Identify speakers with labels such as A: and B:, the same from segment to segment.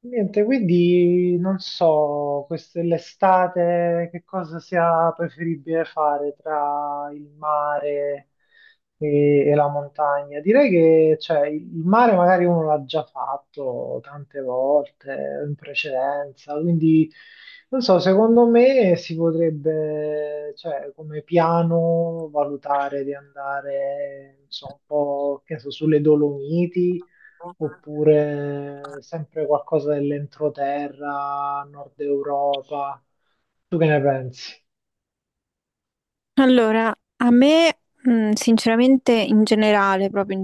A: Niente, quindi non so, l'estate che cosa sia preferibile fare tra il mare e la montagna. Direi che cioè, il mare magari uno l'ha già fatto tante volte in precedenza, quindi non so, secondo me si potrebbe, cioè, come piano valutare di andare, non so, un po', che ne so, sulle Dolomiti oppure sempre qualcosa dell'entroterra, Nord Europa. Tu che ne pensi?
B: Allora, a me, sinceramente, in generale, proprio in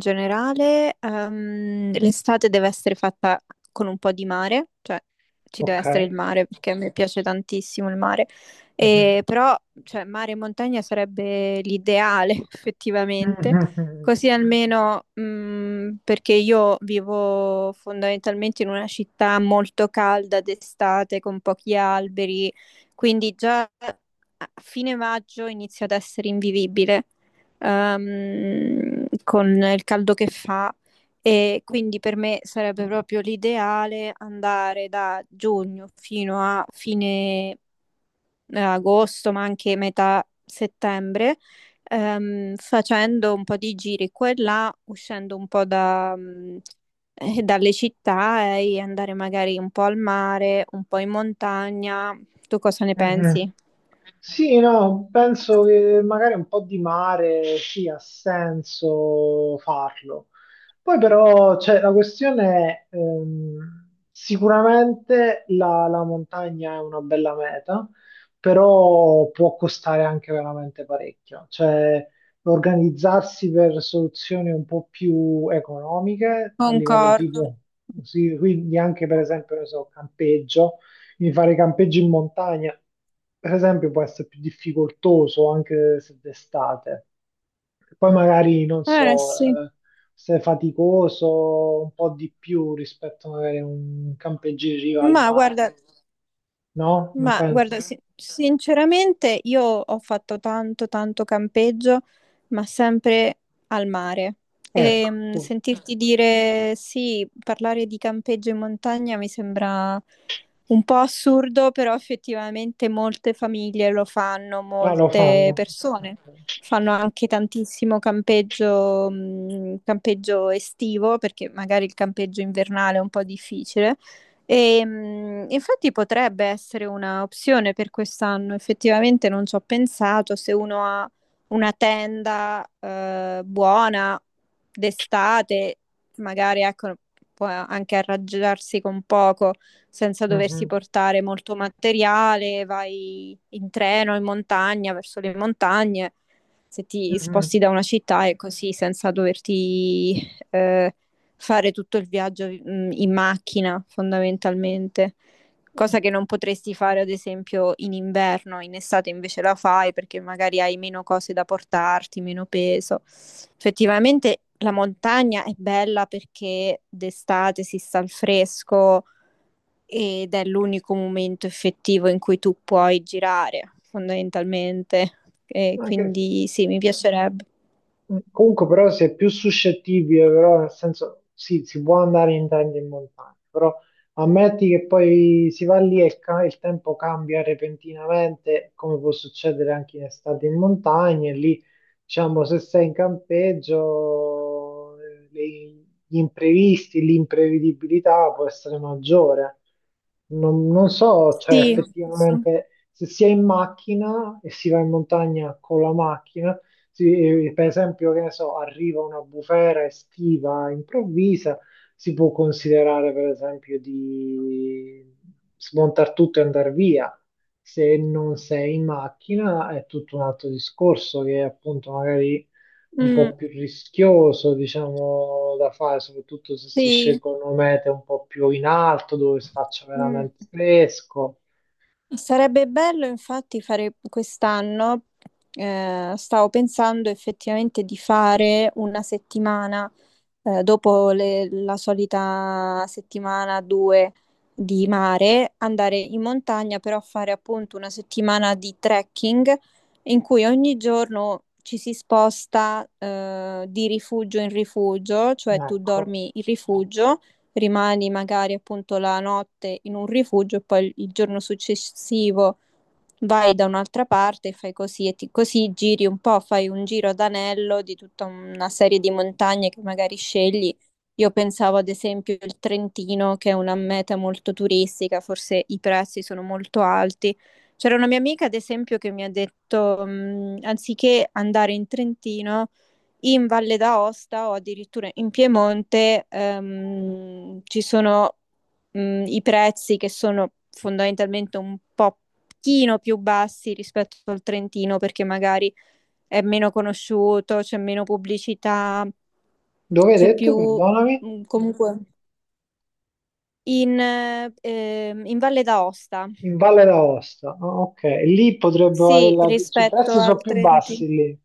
B: generale, l'estate deve essere fatta con un po' di mare, cioè ci deve
A: Ok.
B: essere il mare perché a me piace tantissimo il mare.
A: Mhm.
B: E però, cioè, mare e montagna sarebbe l'ideale, effettivamente,
A: Mhm.
B: così almeno, perché io vivo fondamentalmente in una città molto calda d'estate, con pochi alberi, quindi già a fine maggio inizia ad essere invivibile, con il caldo che fa. E quindi per me sarebbe proprio l'ideale andare da giugno fino a fine agosto, ma anche metà settembre, facendo un po' di giri qua e là, uscendo un po' dalle città e andare magari un po' al mare, un po' in montagna. Tu cosa ne
A: Mhm.
B: pensi?
A: Sì, no, penso che magari un po' di mare sì, ha senso farlo. Poi però cioè, la questione è, sicuramente la montagna è una bella meta, però può costare anche veramente parecchio. Cioè, organizzarsi per soluzioni un po' più economiche a livello
B: Concordo.
A: tipo, sì, quindi anche per esempio, ne so, campeggio quindi fare campeggi in montagna, per esempio, può essere più difficoltoso anche se d'estate. Poi magari, non
B: Eh
A: so,
B: sì.
A: se è faticoso un po' di più rispetto magari a un campeggio in riva al
B: Ma
A: mare,
B: guarda,
A: no? Non
B: Ma guarda,
A: pensi?
B: Mm? Sinceramente io ho fatto tanto, tanto campeggio, ma sempre al mare. E
A: Ecco,
B: sentirti dire sì, parlare di campeggio in montagna mi sembra un po' assurdo, però effettivamente molte famiglie lo fanno,
A: già lo
B: molte
A: fanno.
B: persone fanno anche tantissimo campeggio, campeggio estivo, perché magari il campeggio invernale è un po' difficile. E, infatti potrebbe essere una opzione per quest'anno, effettivamente non ci ho pensato, se uno ha una tenda buona d'estate, magari ecco, può anche arrangiarsi con poco senza doversi
A: Mhm,
B: portare molto materiale, vai in treno, in montagna, verso le montagne, se ti
A: mhm.
B: sposti da una città e così senza doverti eh, fare tutto il viaggio, in macchina fondamentalmente, cosa che non potresti fare ad esempio in inverno, in estate invece la fai perché magari hai meno cose da portarti, meno peso. Effettivamente la montagna è bella perché d'estate si sta al fresco ed è l'unico momento effettivo in cui tu puoi girare fondamentalmente. E
A: Mhm. Anche se-
B: quindi sì, mi piacerebbe.
A: Mm, comunque però si è più suscettibile, però nel senso sì, si può andare in tenda in montagna, però ammetti che poi si va lì e il tempo cambia repentinamente, come può succedere anche in estate in montagna, e lì diciamo se sei in campeggio gli imprevisti, l'imprevedibilità può essere maggiore. Non so, cioè
B: Sì.
A: effettivamente se si è in macchina e si va in montagna con la macchina, sì, per esempio, che ne so, arriva una bufera estiva improvvisa, si può considerare per esempio di smontare tutto e andare via. Se non sei in macchina è tutto un altro discorso che è appunto magari un
B: Mh,
A: po' più rischioso, diciamo, da fare, soprattutto se si
B: sì,
A: scelgono mete un po' più in alto, dove si faccia veramente
B: mh.
A: fresco.
B: Sarebbe bello infatti fare quest'anno, stavo pensando effettivamente di fare una settimana, dopo la solita settimana due di mare, andare in montagna, però fare appunto una settimana di trekking in cui ogni giorno ci si sposta, di rifugio in rifugio, cioè tu
A: Ecco.
B: dormi in rifugio, rimani magari appunto la notte in un rifugio e poi il giorno successivo vai da un'altra parte e fai così e così giri un po', fai un giro ad anello di tutta una serie di montagne che magari scegli. Io pensavo ad esempio il Trentino, che è una meta molto turistica, forse i prezzi sono molto alti. C'era una mia amica, ad esempio, che mi ha detto, anziché andare in Trentino, in Valle d'Aosta o addirittura in Piemonte, ci sono i prezzi che sono fondamentalmente un po' pochino più bassi rispetto al Trentino perché magari è meno conosciuto, c'è meno pubblicità,
A: Dove hai
B: c'è
A: detto,
B: più
A: perdonami?
B: comunque in Valle d'Aosta,
A: In Valle d'Aosta. Ah, ok, lì potrebbe valere
B: sì,
A: la cioè, i
B: rispetto
A: prezzi sono
B: al
A: più
B: Trentino.
A: bassi lì.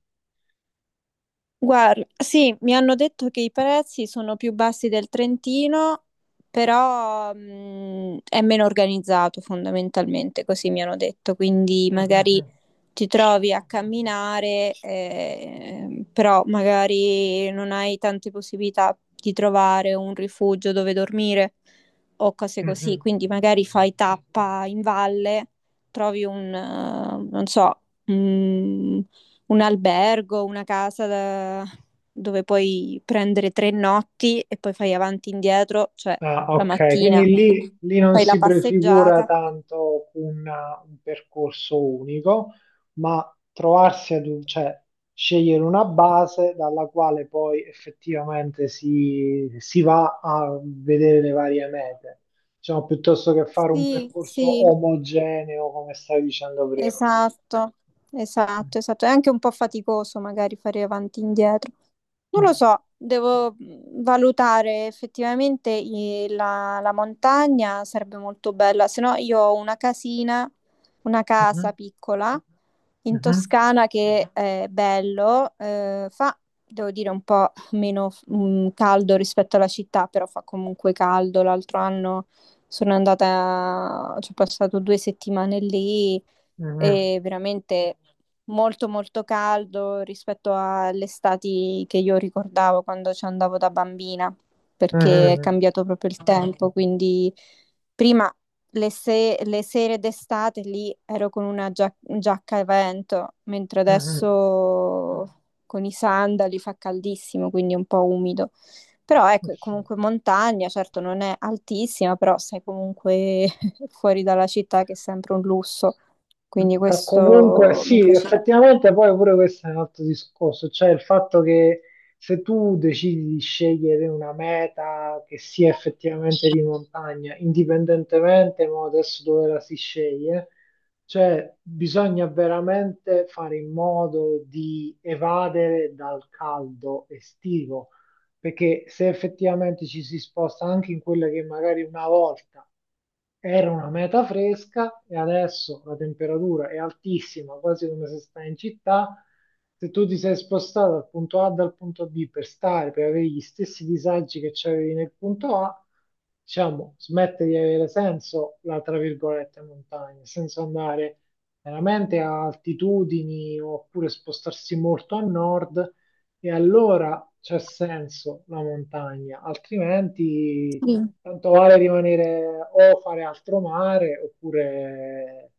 B: Guarda, sì, mi hanno detto che i prezzi sono più bassi del Trentino, però è meno organizzato fondamentalmente, così mi hanno detto, quindi magari
A: Mhm,
B: ti trovi a camminare, però magari non hai tante possibilità di trovare un rifugio dove dormire o cose così.
A: mhm.
B: Quindi magari fai tappa in valle, trovi un, non so, un, un albergo, una casa dove puoi prendere 3 notti e poi fai avanti e indietro, cioè
A: Ah,
B: la
A: ok, quindi
B: mattina
A: lì non
B: fai la
A: si prefigura
B: passeggiata.
A: tanto un percorso unico, ma trovarsi ad un, cioè scegliere una base dalla quale poi effettivamente si va a vedere le varie mete, diciamo, piuttosto che fare un
B: Sì,
A: percorso
B: sì.
A: omogeneo, come stavi dicendo prima.
B: Esatto, esatto, esatto. È anche un po' faticoso magari fare avanti e indietro. Non lo so, devo valutare effettivamente la montagna, sarebbe molto bella, se no io ho una casina, una
A: Mm.
B: casa piccola in
A: Mhm,
B: Toscana che è bello, fa, devo dire, un po' meno caldo rispetto alla città, però fa comunque caldo. L'altro anno sono andata, ci ho passato 2 settimane lì
A: mhm,
B: e veramente molto molto caldo rispetto alle estati che io ricordavo quando ci andavo da bambina, perché è
A: mhm,
B: cambiato proprio il tempo, quindi prima le, se- le sere d'estate lì ero con una giacca a vento, mentre
A: mhm.
B: adesso con i sandali fa caldissimo, quindi è un po' umido. Però ecco, è
A: Sì.
B: comunque montagna, certo non è altissima, però sei comunque fuori dalla città, che è sempre un lusso. Quindi
A: Fa comunque
B: questo mi
A: sì,
B: piacerebbe.
A: effettivamente poi pure questo è un altro discorso, cioè il fatto che se tu decidi di scegliere una meta che sia effettivamente di montagna, indipendentemente mo, adesso dove la si sceglie, cioè bisogna veramente fare in modo di evadere dal caldo estivo perché se effettivamente ci si sposta anche in quella che magari una volta era una meta fresca e adesso la temperatura è altissima, quasi come se stai in città. Se tu ti sei spostato dal punto A dal punto B per stare, per avere gli stessi disagi che c'avevi nel punto A, diciamo, smette di avere senso la, tra virgolette, montagna, senza andare veramente a altitudini oppure spostarsi molto a nord e allora c'è senso la montagna, altrimenti
B: Sì.
A: tanto vale rimanere o fare altro mare oppure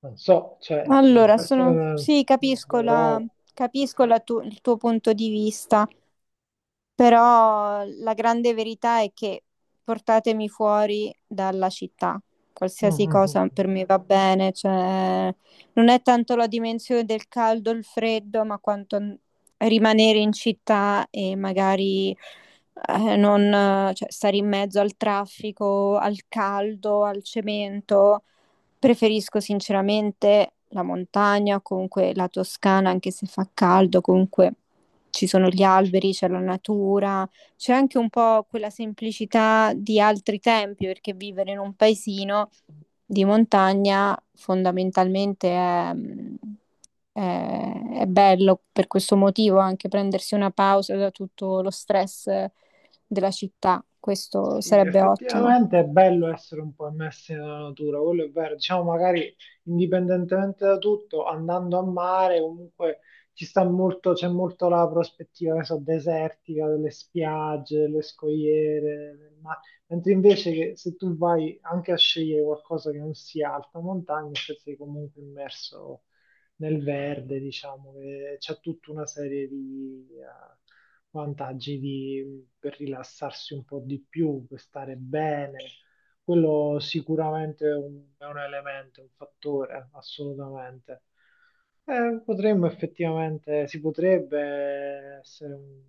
A: non so, cioè,
B: Allora,
A: forse Nord
B: sì, capisco la-
A: Europa.
B: capisco la tu- il tuo punto di vista. Però la grande verità è che portatemi fuori dalla città,
A: Mm,
B: qualsiasi
A: mm, mm.
B: cosa per me va bene, cioè non è tanto la dimensione del caldo, il freddo, ma quanto rimanere in città e magari non, cioè, stare in mezzo al traffico, al caldo, al cemento. Preferisco sinceramente la montagna, comunque la Toscana, anche se fa caldo, comunque ci sono gli alberi, c'è la natura, c'è anche un po' quella semplicità di altri tempi, perché vivere in un paesino di montagna fondamentalmente è bello per questo motivo, anche prendersi una pausa da tutto lo stress della città, questo
A: Sì,
B: sarebbe ottimo.
A: effettivamente è bello essere un po' immersi nella natura, quello è vero. Diciamo, magari indipendentemente da tutto, andando a mare, comunque ci sta molto, c'è molto la prospettiva, che so, desertica, delle spiagge, delle scogliere, del mare. Mentre invece che se tu vai anche a scegliere qualcosa che non sia alta montagna, cioè sei comunque immerso nel verde, diciamo, che c'è tutta una serie di per rilassarsi un po' di più, per stare bene. Quello sicuramente è un elemento, un fattore, assolutamente. Potremmo effettivamente, si potrebbe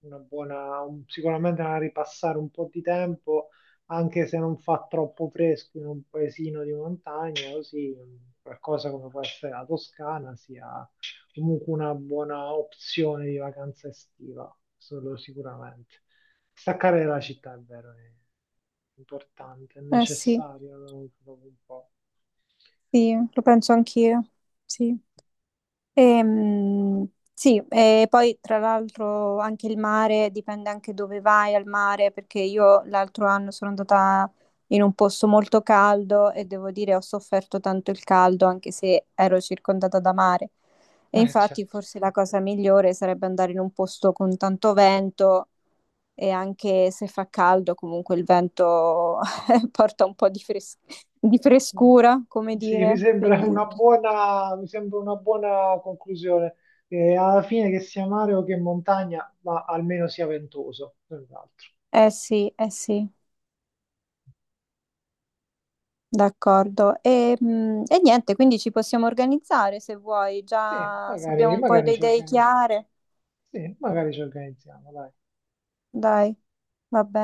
A: sicuramente una ripassare un po' di tempo, anche se non fa troppo fresco in un paesino di montagna, così qualcosa come può essere la Toscana sia comunque una buona opzione di vacanza estiva, solo sicuramente. Staccare dalla città è vero, è importante, è
B: Eh sì,
A: necessario, no? Dopo un po'.
B: sì, lo penso anch'io, sì. Ehm, sì, e poi tra l'altro anche il mare dipende anche dove vai al mare, perché io l'altro anno sono andata in un posto molto caldo e devo dire ho sofferto tanto il caldo anche se ero circondata da mare. E infatti
A: Certo.
B: forse la cosa migliore sarebbe andare in un posto con tanto vento e anche se fa caldo comunque il vento porta un po' di di
A: Mm.
B: frescura, come
A: Sì, mi
B: dire.
A: sembra
B: Quindi,
A: una buona, mi sembra una buona conclusione. Alla fine che sia mare o che montagna, ma almeno sia ventoso, senz'altro.
B: eh sì, eh sì. D'accordo. E niente, quindi ci possiamo organizzare se vuoi,
A: Sì,
B: già se abbiamo
A: magari,
B: un po'
A: magari
B: le
A: ci
B: idee
A: organizziamo.
B: chiare.
A: Sì, magari ci organizziamo, dai.
B: Dai, va bene.